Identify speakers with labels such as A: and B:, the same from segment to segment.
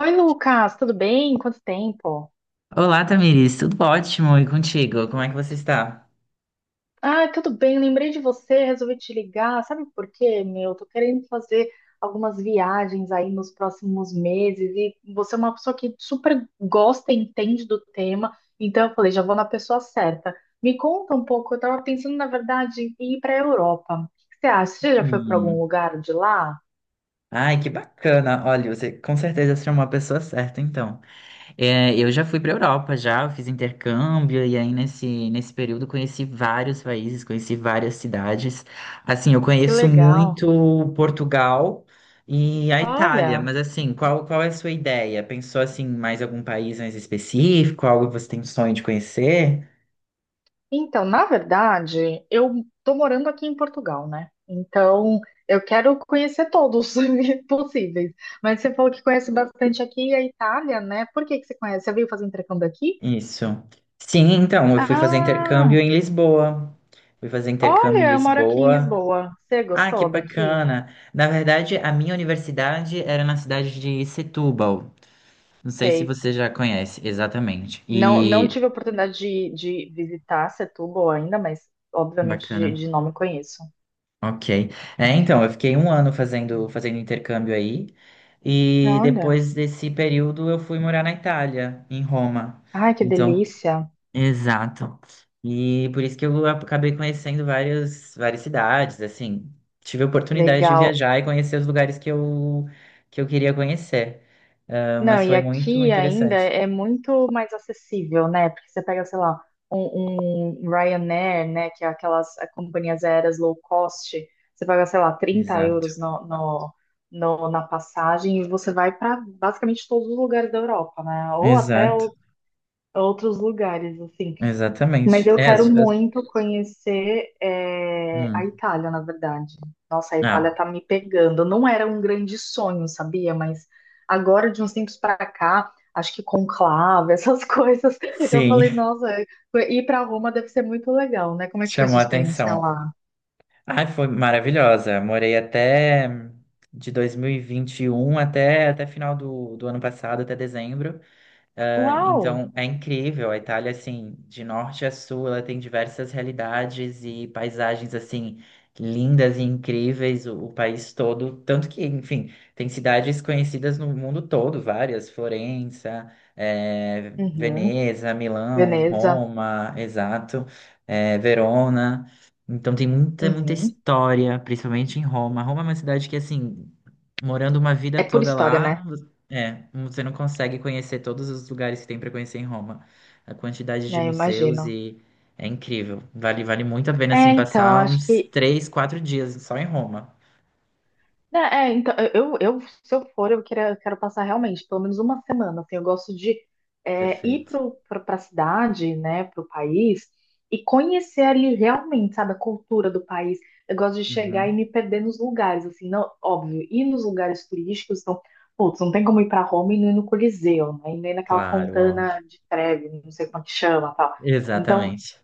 A: Oi, Lucas, tudo bem? Quanto tempo?
B: Olá, Tamiris, tudo ótimo e contigo? Como é que você está?
A: Ah, tudo bem, lembrei de você, resolvi te ligar. Sabe por quê, meu? Tô querendo fazer algumas viagens aí nos próximos meses e você é uma pessoa que super gosta e entende do tema, então eu falei, já vou na pessoa certa. Me conta um pouco, eu tava pensando, na verdade, em ir pra Europa. O que você acha? Você já foi pra algum
B: Hum.
A: lugar de lá?
B: Ai, que bacana! Olha, você com certeza será uma pessoa certa, então. É, eu já fui para Europa, já eu fiz intercâmbio e aí nesse período conheci vários países, conheci várias cidades. Assim, eu
A: Que
B: conheço
A: legal.
B: muito Portugal e a Itália,
A: Olha.
B: mas assim, qual é a sua ideia? Pensou assim, mais algum país mais específico, algo que você tem sonho de conhecer?
A: Então, na verdade, eu tô morando aqui em Portugal, né? Então, eu quero conhecer todos possíveis. Mas você falou que conhece bastante aqui a Itália, né? Por que que você conhece? Você veio fazer intercâmbio aqui?
B: Isso. Sim, então, eu fui fazer intercâmbio
A: Ah,
B: em Lisboa. Fui fazer intercâmbio em
A: olha, eu moro aqui em
B: Lisboa.
A: Lisboa. Você
B: Ah, que
A: gostou daqui?
B: bacana! Na verdade, a minha universidade era na cidade de Setúbal. Não sei se
A: Sei.
B: você já conhece exatamente.
A: Não, não
B: E
A: tive a oportunidade de visitar Setúbal ainda, mas obviamente de,
B: bacana.
A: de nome conheço.
B: Ok. É, então, eu fiquei um ano fazendo intercâmbio aí. E
A: Olha,
B: depois desse período, eu fui morar na Itália, em Roma.
A: ai, que
B: Então,
A: delícia.
B: exato. E por isso que eu acabei conhecendo várias cidades, assim. Tive a oportunidade de
A: Legal.
B: viajar e conhecer os lugares que eu queria conhecer. Ah,
A: Não,
B: mas
A: e
B: foi muito
A: aqui ainda
B: interessante.
A: é muito mais acessível, né? Porque você pega, sei lá, um Ryanair, né? Que é aquelas companhias aéreas low cost, você paga, sei lá, trinta
B: Exato.
A: euros na passagem e você vai para basicamente todos os lugares da Europa, né? Ou até
B: Exato.
A: outros lugares, assim. Mas
B: Exatamente.
A: eu
B: É,
A: quero muito conhecer a
B: hum.
A: Itália, na verdade. Nossa, a Itália
B: Ah,
A: tá me pegando. Não era um grande sonho, sabia? Mas agora, de uns tempos para cá, acho que conclave, essas coisas, eu
B: sim,
A: falei, nossa, ir para Roma deve ser muito legal, né? Como é que foi sua
B: chamou a
A: experiência
B: atenção.
A: lá?
B: Ah, foi maravilhosa. Morei até de 2021 até final do ano passado, até dezembro. Ah,
A: Uau!
B: então é incrível, a Itália, assim, de norte a sul, ela tem diversas realidades e paisagens, assim, lindas e incríveis, o país todo. Tanto que, enfim, tem cidades conhecidas no mundo todo, várias: Florença,
A: Uhum.
B: Veneza, Milão,
A: Veneza.
B: Roma, exato, Verona. Então tem muita
A: Uhum.
B: história, principalmente em Roma. Roma é uma cidade que, assim, morando uma vida
A: É por
B: toda
A: história,
B: lá.
A: né?
B: É, você não consegue conhecer todos os lugares que tem para conhecer em Roma. A quantidade de
A: É, eu
B: museus
A: imagino.
B: e é incrível. Vale muito a pena
A: É,
B: assim
A: então,
B: passar
A: acho
B: uns
A: que
B: três, quatro dias só em Roma.
A: Né, é, então, eu, se eu for, eu quero, quero passar realmente pelo menos uma semana, assim, eu gosto de ir
B: Perfeito.
A: para a cidade, né, para o país, e conhecer ali realmente, sabe, a cultura do país. Eu gosto de chegar e
B: Uhum.
A: me perder nos lugares, assim, não, óbvio, ir nos lugares turísticos, então, putz, não tem como ir para Roma e não ir no Coliseu, né, e nem naquela
B: Claro, óbvio.
A: Fontana de Trevi, não sei como é que chama, tal. Então,
B: Exatamente.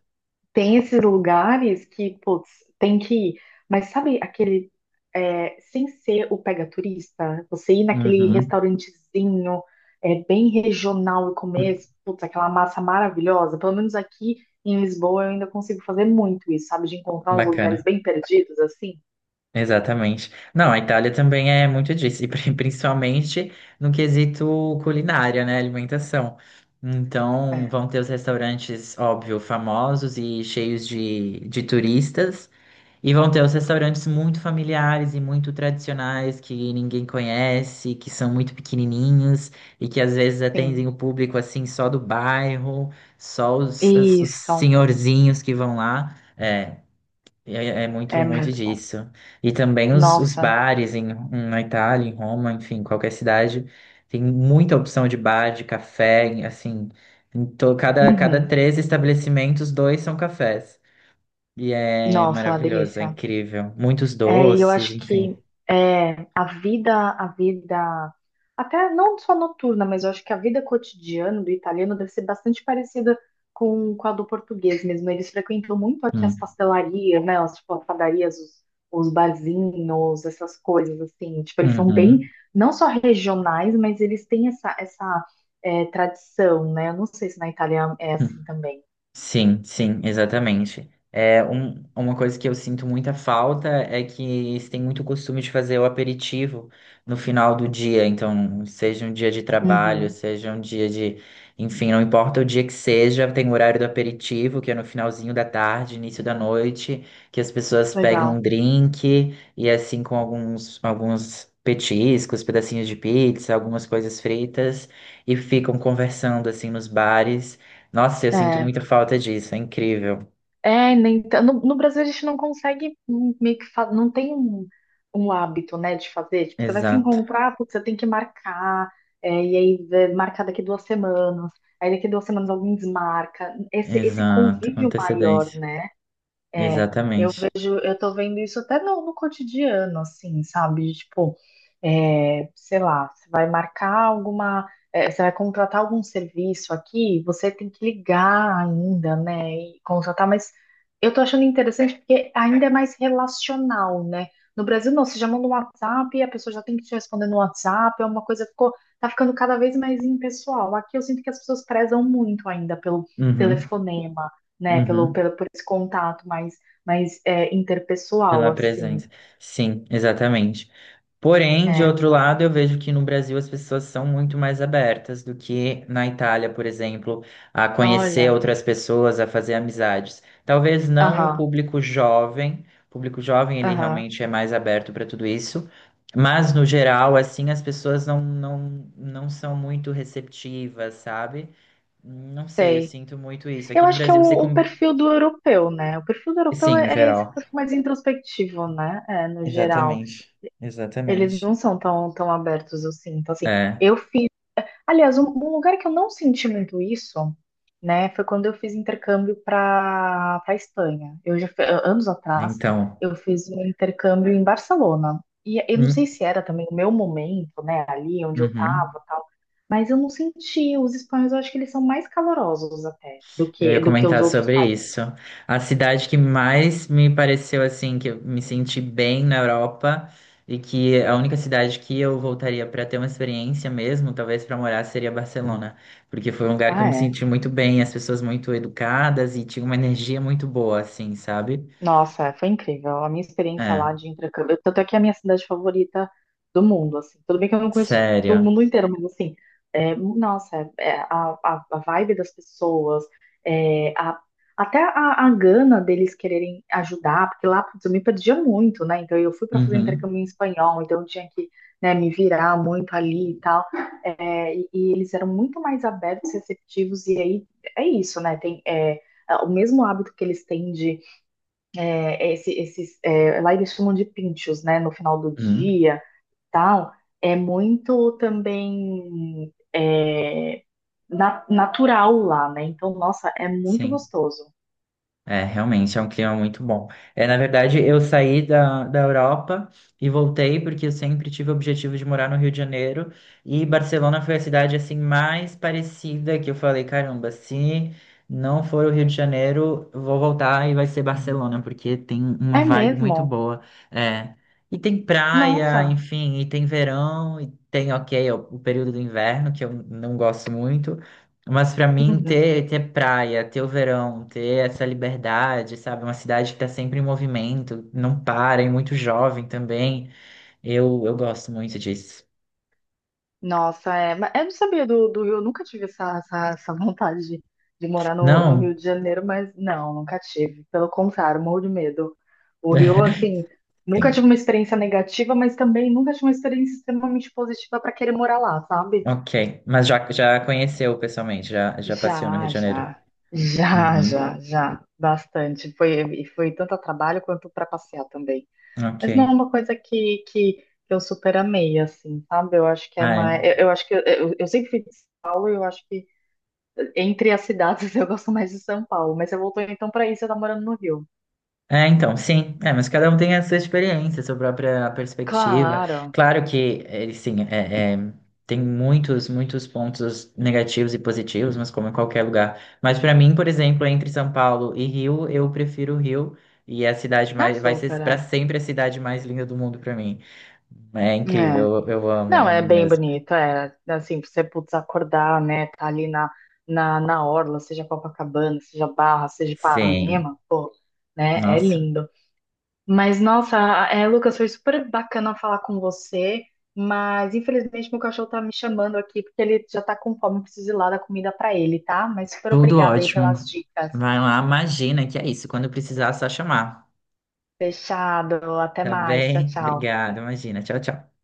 A: tem esses lugares que, putz, tem que ir. Mas sabe aquele, sem ser o pega turista, você ir naquele
B: Uhum.
A: restaurantezinho, bem regional e comer, putz, aquela massa maravilhosa. Pelo menos aqui em Lisboa eu ainda consigo fazer muito isso, sabe? De encontrar uns lugares
B: Bacana.
A: bem perdidos, assim.
B: Exatamente. Não, a Itália também é muito disso, e principalmente no quesito culinária, né? Alimentação. Então,
A: É,
B: vão ter os restaurantes, óbvio, famosos e cheios de turistas. E vão ter os restaurantes muito familiares e muito tradicionais que ninguém conhece, que são muito pequenininhos e que às vezes
A: sim.
B: atendem o público assim só do bairro, só os
A: Isso,
B: senhorzinhos que vão lá. É muito,
A: é
B: muito
A: muito bom.
B: disso. E também os
A: Nossa,
B: bares em, na Itália, em Roma, enfim, qualquer cidade, tem muita opção de bar, de café, assim. Então, cada
A: uhum.
B: três estabelecimentos, dois são cafés. E é
A: Nossa, uma
B: maravilhoso, é
A: delícia.
B: incrível. Muitos
A: É, e eu
B: doces,
A: acho
B: enfim.
A: que a vida, até não só noturna, mas eu acho que a vida cotidiana do italiano deve ser bastante parecida com a do português mesmo. Eles frequentam muito aqui as
B: Hum,
A: pastelarias, né? Tipo, padarias, os barzinhos, essas coisas assim. Tipo, eles são bem,
B: uhum.
A: não só regionais, mas eles têm essa tradição, né? Eu não sei se na Itália é
B: Hum.
A: assim também.
B: Sim, sim, exatamente. É um, uma coisa que eu sinto muita falta é que eles têm muito costume de fazer o aperitivo no final do dia. Então, seja um dia de trabalho,
A: Uhum,
B: seja um dia de, enfim, não importa o dia que seja, tem o horário do aperitivo, que é no finalzinho da tarde, início da noite, que as pessoas pegam um
A: legal.
B: drink e assim com alguns petiscos, pedacinhos de pizza, algumas coisas fritas e ficam conversando assim nos bares. Nossa, eu sinto
A: É.
B: muita falta disso, é incrível.
A: É, nem, no Brasil a gente não consegue meio que não tem um hábito, né, de fazer. Tipo, você vai se
B: Exato,
A: encontrar, putz, você tem que marcar, e aí marcar daqui duas semanas, aí daqui duas semanas alguém desmarca. Esse
B: exato, com
A: convívio maior,
B: antecedência.
A: né? é,
B: Exatamente.
A: eu tô vendo isso até no cotidiano, assim, sabe? Tipo, sei lá, você vai marcar alguma, você vai contratar algum serviço aqui, você tem que ligar ainda, né? E contratar, mas eu tô achando interessante porque ainda é mais relacional, né? No Brasil, não, você já manda um WhatsApp, a pessoa já tem que te responder no WhatsApp, é uma coisa que ficou, tá ficando cada vez mais impessoal. Aqui eu sinto que as pessoas prezam muito ainda pelo
B: Uhum,
A: telefonema, né,
B: uhum,
A: por esse contato mais mas é
B: pela
A: interpessoal, assim.
B: presença. Sim, exatamente. Porém, de
A: É,
B: outro lado, eu vejo que no Brasil as pessoas são muito mais abertas do que na Itália, por exemplo, a conhecer
A: olha,
B: outras pessoas, a fazer amizades. Talvez não o
A: aham,
B: público jovem, o público jovem ele
A: aham,
B: realmente é mais aberto para tudo isso, mas no geral, assim, as pessoas não são muito receptivas, sabe? Não sei, eu
A: sei.
B: sinto muito isso.
A: Eu
B: Aqui no
A: acho que é o,
B: Brasil você...
A: o perfil do europeu, né? O perfil do europeu
B: Sim,
A: é,
B: no
A: é esse
B: geral.
A: perfil mais introspectivo, né? É, no geral.
B: Exatamente,
A: Eles não
B: exatamente.
A: são tão abertos, eu sinto. Assim,
B: É,
A: eu fiz Aliás, um lugar que eu não senti muito isso, né, foi quando eu fiz intercâmbio para Espanha. Eu já anos atrás
B: então...
A: eu fiz um intercâmbio em Barcelona. E eu não sei
B: hum,
A: se era também o meu momento, né, ali onde eu estava,
B: uhum.
A: tal, mas eu não senti. Os espanhóis, eu acho que eles são mais calorosos até do
B: Eu
A: que
B: ia
A: do que os
B: comentar
A: outros
B: sobre
A: países.
B: isso. A cidade que mais me pareceu assim, que eu me senti bem na Europa e que a única cidade que eu voltaria para ter uma experiência mesmo, talvez para morar, seria Barcelona, porque foi um lugar que eu
A: Ah,
B: me
A: é.
B: senti muito bem, as pessoas muito educadas e tinha uma energia muito boa, assim, sabe?
A: Nossa, foi incrível. A minha experiência lá
B: É,
A: de intercâmbio, tanto é que é a minha cidade favorita do mundo, assim. Tudo bem que eu não conheço todo
B: sério.
A: mundo inteiro, mas assim, nossa, a vibe das pessoas, é, a- até a gana deles quererem ajudar, porque lá, putz, eu me perdia muito, né? Então eu fui para fazer um
B: Uhum.
A: intercâmbio em espanhol, então eu tinha que, né, me virar muito ali e tal. É, e eles eram muito mais abertos, receptivos, e aí é isso, né? Tem, o mesmo hábito que eles têm de lá eles chamam de pinchos, né? No final do
B: Uhum.
A: dia, tal. É muito também natural lá, né? Então, nossa, é muito
B: Sim.
A: gostoso.
B: É, realmente é um clima muito bom. É, na verdade, eu saí da Europa e voltei porque eu sempre tive o objetivo de morar no Rio de Janeiro e Barcelona foi a cidade assim mais parecida que eu falei, caramba, se não for o Rio de Janeiro, eu vou voltar e vai ser Barcelona porque tem uma
A: É
B: vibe muito
A: mesmo?
B: boa. É, e tem praia,
A: Nossa.
B: enfim, e tem verão e tem, ok, o período do inverno que eu não gosto muito. Mas pra mim ter praia, ter o verão, ter essa liberdade, sabe? Uma cidade que tá sempre em movimento, não para, e muito jovem também. Eu gosto muito disso.
A: Nossa, é. Mas eu não sabia do Rio, eu nunca tive essa vontade de morar no
B: Não?
A: Rio de Janeiro, mas não, nunca tive. Pelo contrário, morro de medo. O Rio, assim, nunca
B: Sim.
A: tive uma experiência negativa, mas também nunca tive uma experiência extremamente positiva para querer morar lá, sabe?
B: Ok. Mas já conheceu pessoalmente, já passeou no Rio
A: Já,
B: de Janeiro.
A: já. Já,
B: Uhum.
A: já, já. Bastante. E foi tanto a trabalho quanto para passear também. Mas não é
B: Ok.
A: uma coisa que eu super amei, assim, sabe? Eu acho que é
B: Ah,
A: mais.
B: é.
A: Eu acho que eu sempre fui de São Paulo e eu acho que entre as cidades, eu gosto mais de São Paulo, mas você voltou então pra aí, você tá morando no Rio.
B: É, então, sim. É, mas cada um tem a sua experiência, a sua própria perspectiva.
A: Claro.
B: Claro que, sim, tem muitos pontos negativos e positivos, mas como em qualquer lugar. Mas para mim, por exemplo, entre São Paulo e Rio, eu prefiro o Rio e é a cidade
A: Ah,
B: mais, vai ser
A: super,
B: para
A: é.
B: sempre a cidade mais linda do mundo para mim. É
A: É.
B: incrível, eu amo,
A: Não,
B: amo
A: é bem
B: mesmo.
A: bonito, é. Assim, você putz, acordar, né? Tá ali na orla, seja Copacabana, seja Barra, seja
B: Sim,
A: Ipanema, né? É
B: nossa,
A: lindo. Mas, nossa, Lucas, foi super bacana falar com você, mas infelizmente meu cachorro tá me chamando aqui porque ele já tá com fome, eu preciso ir lá dar comida pra ele, tá? Mas super
B: tudo
A: obrigada aí pelas
B: ótimo.
A: dicas.
B: Vai lá, imagina que é isso. Quando precisar, é só chamar.
A: Fechado. Até
B: Tá
A: mais. Tchau,
B: bem?
A: tchau.
B: Obrigado, imagina. Tchau, tchau.